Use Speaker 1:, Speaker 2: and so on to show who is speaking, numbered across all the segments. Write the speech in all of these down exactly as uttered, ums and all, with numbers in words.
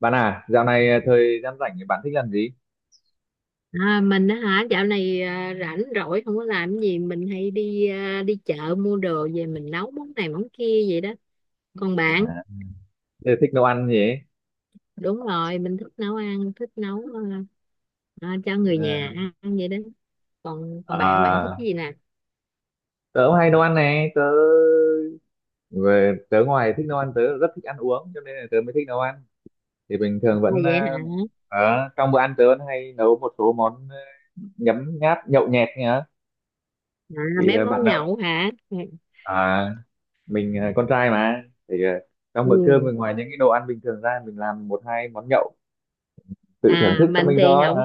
Speaker 1: Bạn à, dạo này à, thời gian rảnh thì bạn thích làm gì?
Speaker 2: À, mình á hả dạo này à, rảnh rỗi không có làm gì, mình hay đi à, đi chợ mua đồ về mình nấu món này món kia vậy đó. Còn bạn?
Speaker 1: À, tớ thích nấu ăn gì ấy.
Speaker 2: Đúng rồi, mình thích nấu ăn, thích nấu, à, à, cho người
Speaker 1: Ờ.
Speaker 2: nhà ăn vậy đó. Còn còn bạn bạn thích
Speaker 1: À,
Speaker 2: cái gì nè? À,
Speaker 1: tớ cũng hay nấu ăn này, tớ về tớ ngoài thích nấu ăn tớ rất thích ăn uống cho nên là tớ mới thích nấu ăn. Thì bình thường vẫn
Speaker 2: vậy
Speaker 1: à,
Speaker 2: hả?
Speaker 1: ờ, ở trong bữa ăn tớ vẫn hay nấu một số món ờ, nhấm nháp nhậu nhẹt nhá.
Speaker 2: à,
Speaker 1: Thì
Speaker 2: Mấy
Speaker 1: ờ,
Speaker 2: món
Speaker 1: bạn nào
Speaker 2: nhậu hả?
Speaker 1: à mình ờ, con trai mà thì ờ, trong bữa cơm
Speaker 2: Ừ.
Speaker 1: mình ngoài những cái đồ ăn bình thường ra mình làm một hai món nhậu tự thưởng
Speaker 2: À,
Speaker 1: thức cho
Speaker 2: mình
Speaker 1: mình
Speaker 2: thì
Speaker 1: thôi.
Speaker 2: không,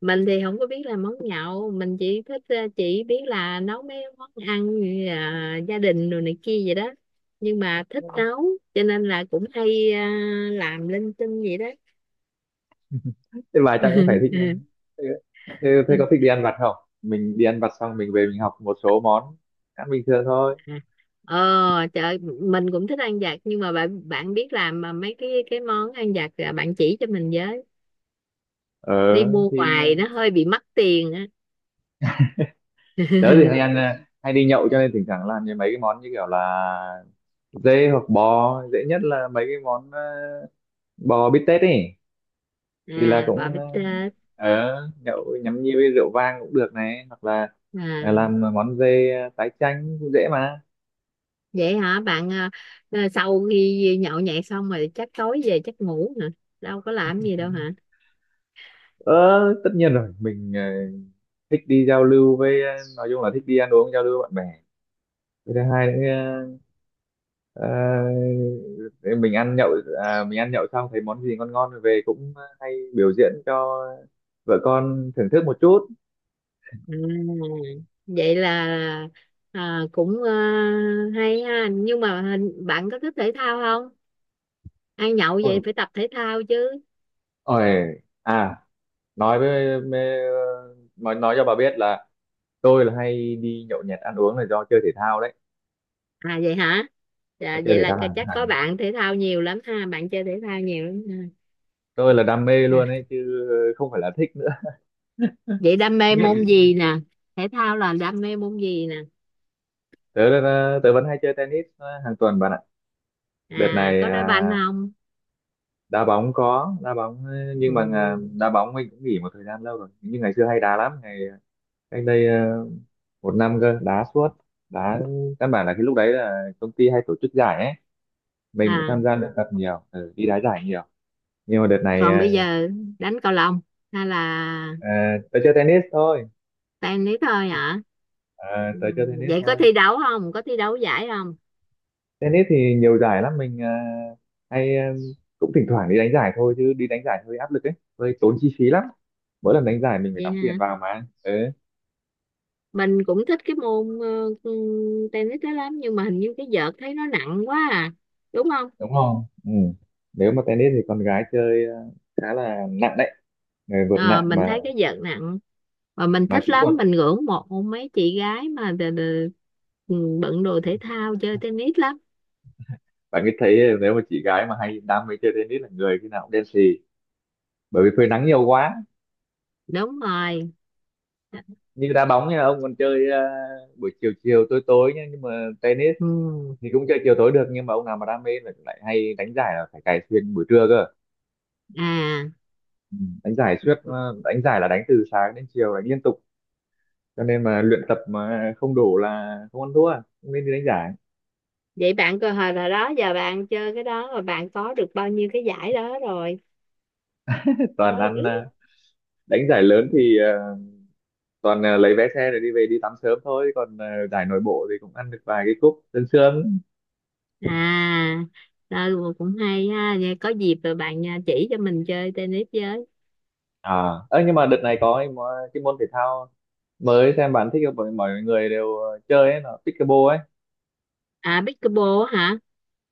Speaker 2: mình thì không có biết làm món nhậu. Mình chỉ thích ờ, chỉ biết là nấu mấy món ăn như là gia đình rồi này kia vậy đó. Nhưng mà thích nấu, cho nên là cũng hay, ờ, làm linh tinh vậy đó.
Speaker 1: Thế bà chắc cũng phải thích thế, thế, thế có thích đi ăn vặt không? Mình đi ăn vặt xong mình về mình học một số món ăn bình thường thôi.
Speaker 2: Ờ trời, mình cũng thích ăn vặt, nhưng mà bạn bạn biết làm mà mấy cái cái món ăn vặt à, bạn chỉ cho mình với.
Speaker 1: ờ
Speaker 2: Đi mua
Speaker 1: thì
Speaker 2: ngoài nó hơi bị mắc tiền á.
Speaker 1: tớ thì hay ăn à, hay đi nhậu cho nên thỉnh thoảng làm như mấy cái món như kiểu là dê hoặc bò, dễ nhất là mấy cái món à, bò bít tết ấy, thì là
Speaker 2: À, bò
Speaker 1: cũng à,
Speaker 2: bít tết.
Speaker 1: ờ nhậu nhắm nhi với rượu vang cũng được này, hoặc là à,
Speaker 2: À,
Speaker 1: làm món dê à, tái chanh cũng dễ mà.
Speaker 2: vậy hả bạn? À, à, Sau khi nhậu nhẹt xong rồi chắc tối về chắc ngủ hả? Đâu có làm gì đâu hả?
Speaker 1: Ờ tất nhiên rồi, mình à, thích đi giao lưu với, ờ, nói chung là thích đi ăn uống giao lưu với bạn bè, với thứ hai nữa. ờ, ờ, mình ăn nhậu à, mình ăn nhậu xong thấy món gì ngon ngon rồi về cũng hay biểu diễn cho vợ con thưởng thức một chút.
Speaker 2: À, vậy là, à, cũng, à, hay ha. Nhưng mà hình bạn có thích thể thao không? Ăn nhậu
Speaker 1: Ôi,
Speaker 2: vậy phải tập thể thao chứ.
Speaker 1: ôi à nói với, với nói nói cho bà biết là tôi là hay đi nhậu nhẹt ăn uống là do chơi thể thao đấy,
Speaker 2: À vậy hả?
Speaker 1: do
Speaker 2: Dạ,
Speaker 1: chơi
Speaker 2: vậy
Speaker 1: thể
Speaker 2: là
Speaker 1: thao
Speaker 2: cái-
Speaker 1: hàng
Speaker 2: chắc có
Speaker 1: hàng
Speaker 2: bạn thể thao nhiều lắm ha, bạn chơi thể thao nhiều lắm
Speaker 1: tôi là đam mê
Speaker 2: ha. À.
Speaker 1: luôn ấy chứ không phải là thích nữa.
Speaker 2: Vậy đam mê
Speaker 1: Nghiện.
Speaker 2: môn gì nè? Thể thao là đam mê môn gì nè?
Speaker 1: Tớ là- tớ vẫn hay chơi tennis ờ, hàng tuần bạn ạ.
Speaker 2: À,
Speaker 1: Đợt này
Speaker 2: có đá banh
Speaker 1: à,
Speaker 2: không?
Speaker 1: đá bóng, có đá bóng ấy,
Speaker 2: Ừ.
Speaker 1: nhưng mà à, đá bóng mình cũng nghỉ một thời gian lâu rồi, nhưng ngày xưa hay đá lắm. Ngày ờ, cách đây ờ, một năm cơ, đá suốt. đá Căn bản là cái lúc đấy là công ty hay tổ chức giải ấy, mình cũng tham
Speaker 2: À,
Speaker 1: gia luyện tập nhiều, ừ, đi đá giải nhiều. Nhưng mà đợt này
Speaker 2: còn
Speaker 1: à,
Speaker 2: bây giờ đánh cầu lông hay là
Speaker 1: à, tớ chơi tennis thôi.
Speaker 2: tennis thôi hả? Ừ,
Speaker 1: À, tớ chơi tennis
Speaker 2: vậy có
Speaker 1: thôi.
Speaker 2: thi đấu không, có thi đấu giải không?
Speaker 1: Tennis thì nhiều giải lắm, mình à, hay ờ, cũng thỉnh thoảng đi đánh giải thôi chứ đi đánh giải hơi áp lực ấy, hơi tốn chi phí lắm, mỗi lần đánh giải mình phải
Speaker 2: Vậy
Speaker 1: đóng tiền
Speaker 2: hả?
Speaker 1: vào mà. Ừ.
Speaker 2: Mình cũng thích cái môn ờ, ừ, tennis đó lắm, nhưng mà hình như cái vợt thấy nó nặng quá à, đúng không?
Speaker 1: Đúng không? Ừ. Nếu mà tennis thì con gái chơi ờ, khá là nặng đấy, người vượt
Speaker 2: Ờ,
Speaker 1: nặng
Speaker 2: mình
Speaker 1: mà
Speaker 2: thấy cái vợt nặng mà mình
Speaker 1: mà
Speaker 2: thích
Speaker 1: kỹ thuật.
Speaker 2: lắm. Mình ngưỡng mộ mấy chị gái mà đ- đ- ừ, bận đồ thể thao chơi tennis lắm.
Speaker 1: Bạn cứ thấy nếu mà chị gái mà hay đam mê chơi tennis là người khi nào cũng đen xì, bởi vì phơi nắng nhiều quá.
Speaker 2: Đúng rồi.
Speaker 1: Như đá bóng nha, ông còn chơi ờ, buổi chiều chiều tối tối nhá, nhưng mà tennis
Speaker 2: Ừ.
Speaker 1: thì cũng chơi chiều tối được, nhưng mà ông nào mà đam mê là lại hay đánh giải là phải cày xuyên buổi trưa cơ.
Speaker 2: À
Speaker 1: Ừ. Đánh giải suốt, ờ, đánh giải là đánh từ sáng đến chiều đánh liên tục, cho nên mà luyện tập mà không đủ là không ăn thua, không nên đi đánh giải.
Speaker 2: vậy bạn cơ hội rồi đó, giờ bạn chơi cái đó rồi bạn có được bao nhiêu cái giải đó rồi?
Speaker 1: Toàn ăn,
Speaker 2: Có
Speaker 1: ờ, đánh giải lớn thì ờ, toàn ờ, lấy vé xe để đi về đi tắm sớm thôi, còn ờ, giải nội bộ thì cũng ăn được vài cái cúp sương sương.
Speaker 2: à? Rồi cũng hay ha. Vậy có dịp rồi bạn à, chỉ cho mình chơi tennis với.
Speaker 1: À ơ Nhưng mà đợt này có cái, mó- cái môn thể thao mới, xem bạn thích không? mọi, mọi người đều ờ, chơi ấy là pickleball ấy.
Speaker 2: À pickleball hả?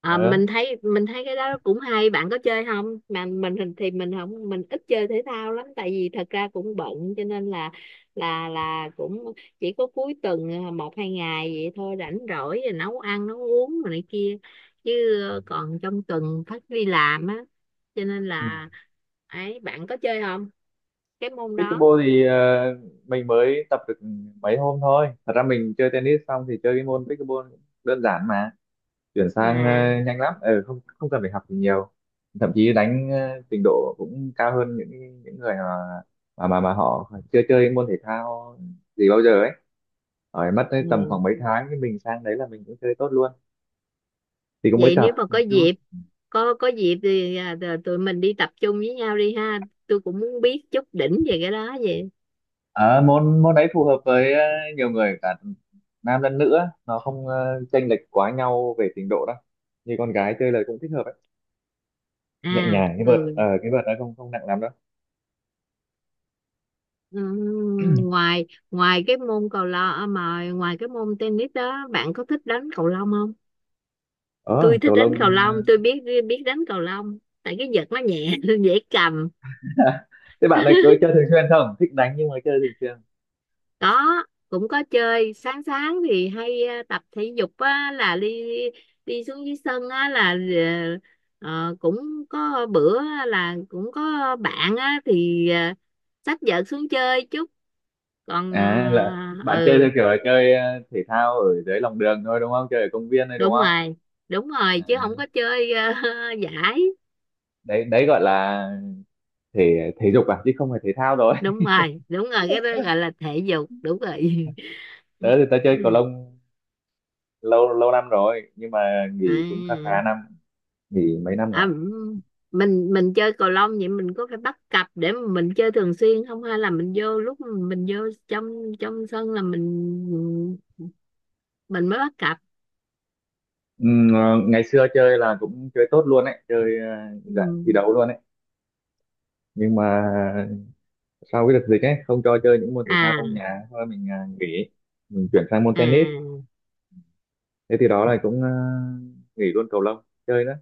Speaker 2: À,
Speaker 1: Ờ.
Speaker 2: mình thấy mình thấy cái đó cũng hay. Bạn có chơi không? Mà mình thì thì mình không mình ít chơi thể thao lắm, tại vì thật ra cũng bận, cho nên là là là cũng chỉ có cuối tuần, ờ, một hai ngày vậy thôi, rảnh rỗi rồi nấu ăn nấu uống rồi này kia chứ. Ờ, còn trong tuần phải đi làm á, cho nên
Speaker 1: Ừ.
Speaker 2: là ấy, bạn có chơi không cái môn đó
Speaker 1: Pickleball thì ờ, mình mới tập được mấy hôm thôi. Thật ra mình chơi tennis xong thì chơi cái môn pickleball cũng đơn giản mà, chuyển sang ờ,
Speaker 2: nè?
Speaker 1: nhanh lắm, ừ, không không cần phải học gì nhiều. Thậm chí đánh ờ, trình độ cũng cao hơn những những người mà mà mà, mà họ chưa chơi môn thể thao gì bao giờ ấy, hỏi mất tới tầm
Speaker 2: Ừ.
Speaker 1: khoảng mấy tháng thì mình sang đấy là mình cũng chơi tốt luôn. Thì cũng mới
Speaker 2: Vậy
Speaker 1: tập
Speaker 2: nếu mà có
Speaker 1: một chút.
Speaker 2: dịp, có có dịp thì à, tờ- tụi mình đi tập trung với nhau đi ha. Tôi cũng muốn biết chút đỉnh về cái đó vậy.
Speaker 1: Ờ, môn môn đấy phù hợp với ờ, nhiều người cả nam lẫn nữ á. Nó không ờ, chênh lệch quá nhau về trình độ đâu, như con gái chơi là cũng thích hợp ấy, nhẹ
Speaker 2: À
Speaker 1: nhàng. cái vợt ờ,
Speaker 2: ừ.
Speaker 1: cái vợt nó không không nặng lắm đâu.
Speaker 2: Ừ, ngoài ngoài cái môn cầu lông à, mà ngoài cái môn tennis đó bạn có thích đánh cầu lông không?
Speaker 1: ờ
Speaker 2: Tôi thích
Speaker 1: Cầu
Speaker 2: đánh
Speaker 1: lông.
Speaker 2: cầu
Speaker 1: ờ,
Speaker 2: lông, tôi biết biết đánh cầu lông, tại cái vợt nó nhẹ dễ cầm.
Speaker 1: Thế bạn này có chơi thường xuyên không? Thích đánh nhưng mà chơi thường xuyên.
Speaker 2: Có, cũng có chơi. Sáng sáng thì hay ờ, tập thể dục á, là đi, đi xuống dưới sân á, là ờ, ờ, cũng có bữa á, là cũng có bạn á, thì ờ, xách vợt xuống chơi chút. Còn
Speaker 1: À là
Speaker 2: ờ,
Speaker 1: bạn chơi
Speaker 2: ừ
Speaker 1: theo kiểu là chơi ờ, thể thao ở dưới lòng đường thôi đúng không, chơi ở công viên thôi đúng
Speaker 2: đúng
Speaker 1: không?
Speaker 2: rồi, đúng rồi, chứ
Speaker 1: À,
Speaker 2: không có chơi ờ, giải.
Speaker 1: đấy đấy gọi là thể thể dục à chứ không phải thể thao rồi.
Speaker 2: Đúng rồi đúng rồi, cái đó gọi là thể dục, đúng rồi.
Speaker 1: Tớ thì tớ chơi cầu lông lâu lâu năm rồi nhưng mà nghỉ cũng khá khá
Speaker 2: À,
Speaker 1: năm, nghỉ mấy năm
Speaker 2: à,
Speaker 1: rồi.
Speaker 2: m- mình mình chơi cầu lông vậy mình có phải bắt cặp để mà mình chơi thường xuyên không, hay là mình vô, lúc mình vô trong trong sân là mình mình mới bắt cặp?
Speaker 1: Ừm, ờ, Ngày xưa chơi là cũng chơi tốt luôn ấy, chơi ờ, dạng
Speaker 2: Ừ.
Speaker 1: thi đấu luôn ấy, nhưng mà sau cái đợt dịch ấy không cho chơi những môn thể thao trong
Speaker 2: à
Speaker 1: nhà, thôi mình ờ, nghỉ, mình chuyển sang môn tennis.
Speaker 2: à
Speaker 1: Thế thì đó là cũng ờ, nghỉ luôn cầu lông chơi nữa,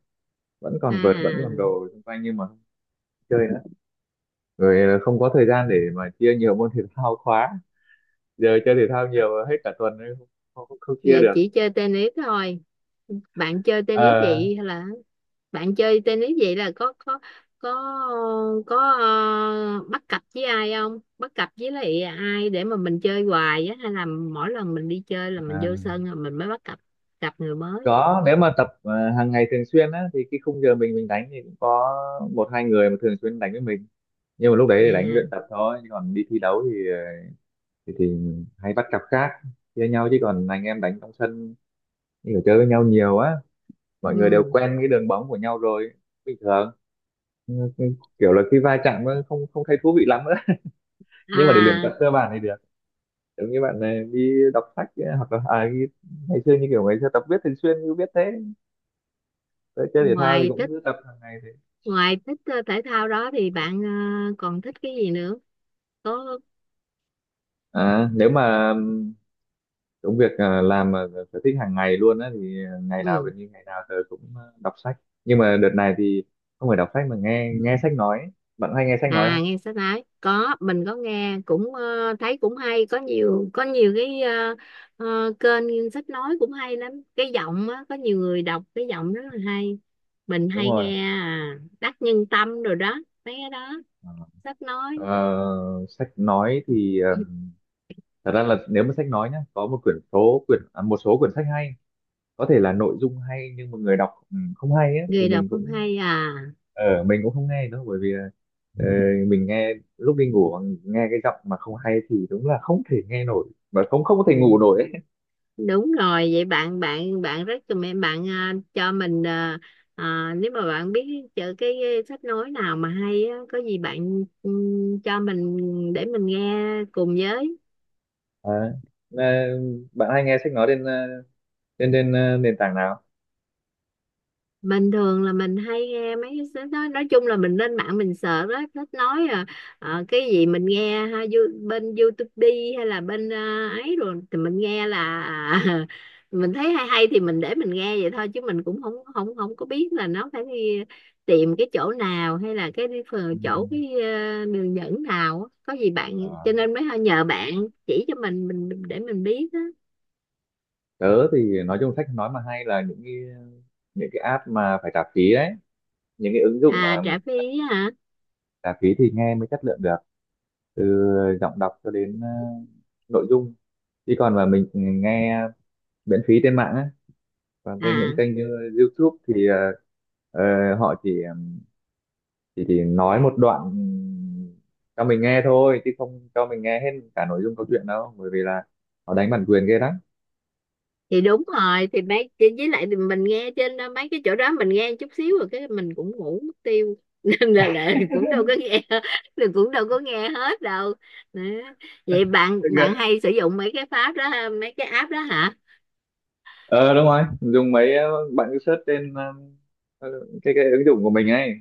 Speaker 1: vẫn
Speaker 2: à
Speaker 1: còn vợt vẫn còn đồ xung quanh nhưng mà không chơi nữa. Rồi ờ, không có thời gian để mà chia nhiều môn thể thao quá, giờ chơi thể thao nhiều hết cả tuần nên không, không, không chia
Speaker 2: Giờ
Speaker 1: được.
Speaker 2: chỉ chơi tennis thôi, bạn chơi tennis
Speaker 1: Ờ,
Speaker 2: vậy hay là bạn chơi tennis vậy là có có có có ờ, bắt cặp với ai không, bắt cặp với lại ai để mà mình chơi hoài á, hay là mỗi lần mình đi chơi là mình
Speaker 1: à,
Speaker 2: vô sân rồi mình mới bắt cặp, cặp người mới?
Speaker 1: có. Nếu mà tập ờ, hàng ngày thường xuyên á thì cái khung giờ mình mình đánh thì cũng có một hai người mà thường xuyên đánh với mình, nhưng mà lúc đấy thì đánh luyện
Speaker 2: À,
Speaker 1: tập thôi chứ còn đi thi đấu thì ờ, thì, thì hay bắt cặp khác, chia nhau chứ còn anh em đánh trong sân thì phải chơi với nhau nhiều á, mọi người đều
Speaker 2: ừ.
Speaker 1: quen cái đường bóng của nhau rồi bình thường. Ừ, ừ, kiểu là khi va chạm nó không không thấy thú vị lắm nữa. Nhưng mà để luyện
Speaker 2: À
Speaker 1: tập cơ bản thì được, giống như bạn này đi đọc sách ấy, hoặc là à, đi- ngày xưa như kiểu ngày xưa tập viết thường xuyên cứ viết thế. Rồi chơi thể thao thì
Speaker 2: ngoài
Speaker 1: cũng
Speaker 2: thích,
Speaker 1: cứ tập hàng ngày thế.
Speaker 2: ngoài thích ờ, thể thao đó thì bạn ờ, còn thích cái gì nữa? Có.
Speaker 1: À, nếu mà ừm, công việc à, làm mà sở thích hàng ngày luôn á, thì ngày nào
Speaker 2: Ừ.
Speaker 1: gần như ngày nào tớ cũng à, đọc sách. Nhưng mà đợt này thì không phải đọc sách mà nghe nghe sách nói. Bạn hay nghe sách nói
Speaker 2: À
Speaker 1: không?
Speaker 2: nghe sách nói, có mình có nghe, cũng ờ, thấy cũng hay. Có nhiều, có nhiều cái ờ, ờ, kênh sách nói cũng hay lắm, cái giọng á có nhiều người đọc cái giọng rất là hay. Mình
Speaker 1: Đúng
Speaker 2: hay
Speaker 1: rồi.
Speaker 2: nghe à, Đắc Nhân Tâm rồi đó, mấy cái đó, sách nói.
Speaker 1: Ờ, sách nói thì ờ, thật ra là nếu mà sách nói nhá, có một quyển số quyển à, một số quyển sách hay, có thể là nội dung hay nhưng mà người đọc ừ, không hay ấy, thì
Speaker 2: Người đọc
Speaker 1: mình
Speaker 2: không
Speaker 1: cũng,
Speaker 2: hay à?
Speaker 1: ờ mình cũng không nghe nữa bởi vì là, ờ, mình nghe lúc đi ngủ mà, nghe cái giọng mà không hay thì đúng là không thể nghe nổi và không không có
Speaker 2: Ừ.
Speaker 1: thể ngủ nổi ấy.
Speaker 2: Đúng rồi. Vậy bạn bạn bạn rất cho mẹ bạn à, cho mình à, à, nếu mà bạn biết chữ cái, sách nói nào mà hay á, có gì bạn ừ, cho mình để mình nghe cùng với.
Speaker 1: À, là bạn hay nghe sách nói trên ờ, trên trên ờ, nền tảng nào?
Speaker 2: Mình thường là mình hay nghe mấy cái sách đó, nói chung là mình lên mạng mình sợ đó thích nói à, ờ, cái gì mình nghe ha, you- bên YouTube đi hay là bên à, ấy, rồi thì mình nghe là mình thấy hay hay thì mình để mình nghe vậy thôi, chứ mình cũng không không không có biết là nó phải đi tìm cái chỗ nào, hay là cái đi phờ-
Speaker 1: Ừ.
Speaker 2: chỗ cái à, đường dẫn nào á. Có gì bạn,
Speaker 1: Ờ.
Speaker 2: cho nên mới nhờ bạn chỉ cho mình mình để mình biết á.
Speaker 1: Tớ thì nói chung sách nói mà hay là những cái những cái app mà phải trả phí đấy, những cái ứng dụng
Speaker 2: À
Speaker 1: mà mình
Speaker 2: trả phí hả?
Speaker 1: trả phí thì nghe mới chất lượng được, từ giọng đọc cho đến ờ, nội dung, chứ còn mà mình nghe miễn phí trên mạng á, còn trên những
Speaker 2: À
Speaker 1: kênh như YouTube thì ờ, ờ, họ chỉ, chỉ chỉ nói một đoạn cho mình nghe thôi chứ không cho mình nghe hết cả nội dung câu chuyện đâu, bởi vì là họ đánh bản quyền ghê lắm.
Speaker 2: thì đúng rồi, thì mấy chỉ- với lại thì mình nghe trên đó, mấy cái chỗ đó mình nghe chút xíu rồi cái mình cũng ngủ mất tiêu nên là, là cũng đâu có nghe. Mình cũng đâu có nghe hết đâu. Đó. Vậy bạn, bạn hay sử dụng mấy cái pháp đó ha, mấy cái app đó hả?
Speaker 1: ờ Đúng rồi, dùng mấy, ờ, bạn cứ search trên ờ, ờ, cái cái ứng dụng của mình ấy,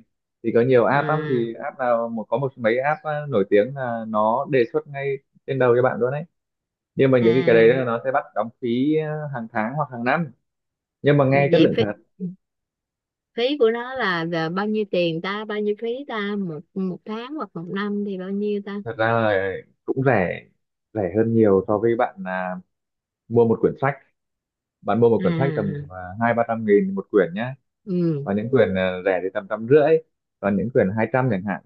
Speaker 1: thì có nhiều app lắm. Thì
Speaker 2: À.
Speaker 1: app nào một có một mấy app ờ, nổi tiếng là nó đề xuất ngay trên đầu cho bạn luôn đấy, nhưng mà những cái cái đấy là
Speaker 2: À
Speaker 1: nó sẽ bắt đóng phí ờ, hàng tháng hoặc hàng năm, nhưng mà nghe chất
Speaker 2: vậy
Speaker 1: lượng
Speaker 2: phí,
Speaker 1: thật.
Speaker 2: phí của nó là, là bao nhiêu tiền ta, bao nhiêu phí ta một, một tháng hoặc một năm thì bao nhiêu ta?
Speaker 1: Thật ra là cũng rẻ, rẻ hơn nhiều so với bạn là mua một quyển sách. Bạn mua một quyển sách tầm ờ,
Speaker 2: À
Speaker 1: hai ba trăm nghìn một quyển nhá,
Speaker 2: ừ.
Speaker 1: và những quyển ờ, rẻ thì tầm trăm rưỡi, còn những quyển hai trăm chẳng hạn,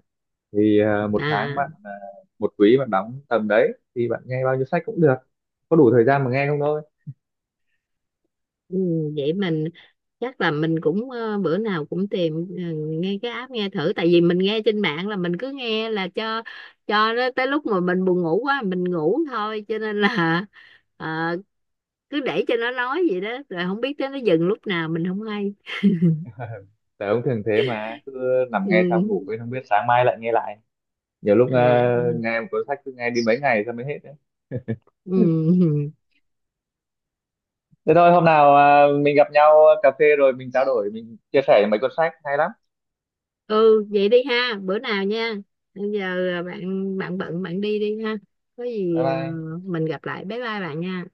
Speaker 1: thì ờ, một tháng bạn
Speaker 2: À.
Speaker 1: ờ, một quý bạn đóng tầm đấy thì bạn nghe bao nhiêu sách cũng được, có đủ thời gian mà nghe không thôi.
Speaker 2: Ừ, vậy mình chắc là mình cũng ờ, bữa nào cũng tìm ờ, nghe cái app, nghe thử, tại vì mình nghe trên mạng là mình cứ nghe là cho cho nó tới lúc mà mình buồn ngủ quá mình ngủ thôi, cho nên là ờ, cứ để cho nó nói vậy đó rồi không biết tới nó dừng lúc nào mình không hay.
Speaker 1: Tớ cũng thường thế mà, cứ nằm
Speaker 2: Ừ.
Speaker 1: nghe xong ngủ quên, không biết sáng mai lại nghe lại. Nhiều lúc
Speaker 2: À,
Speaker 1: ờ,
Speaker 2: ừ.
Speaker 1: nghe một cuốn sách cứ nghe đi mấy ngày xong mới hết đấy.
Speaker 2: Ừ.
Speaker 1: Thế thôi hôm nào ờ, mình gặp nhau cà phê rồi mình trao đổi, mình chia sẻ mấy cuốn sách hay lắm.
Speaker 2: Ừ vậy đi ha, bữa nào nha. Bây giờ à, bạn, bạn bận bạn đi đi ha. Có
Speaker 1: Bye
Speaker 2: gì ờ,
Speaker 1: bye.
Speaker 2: mình gặp lại, bye bye bạn nha.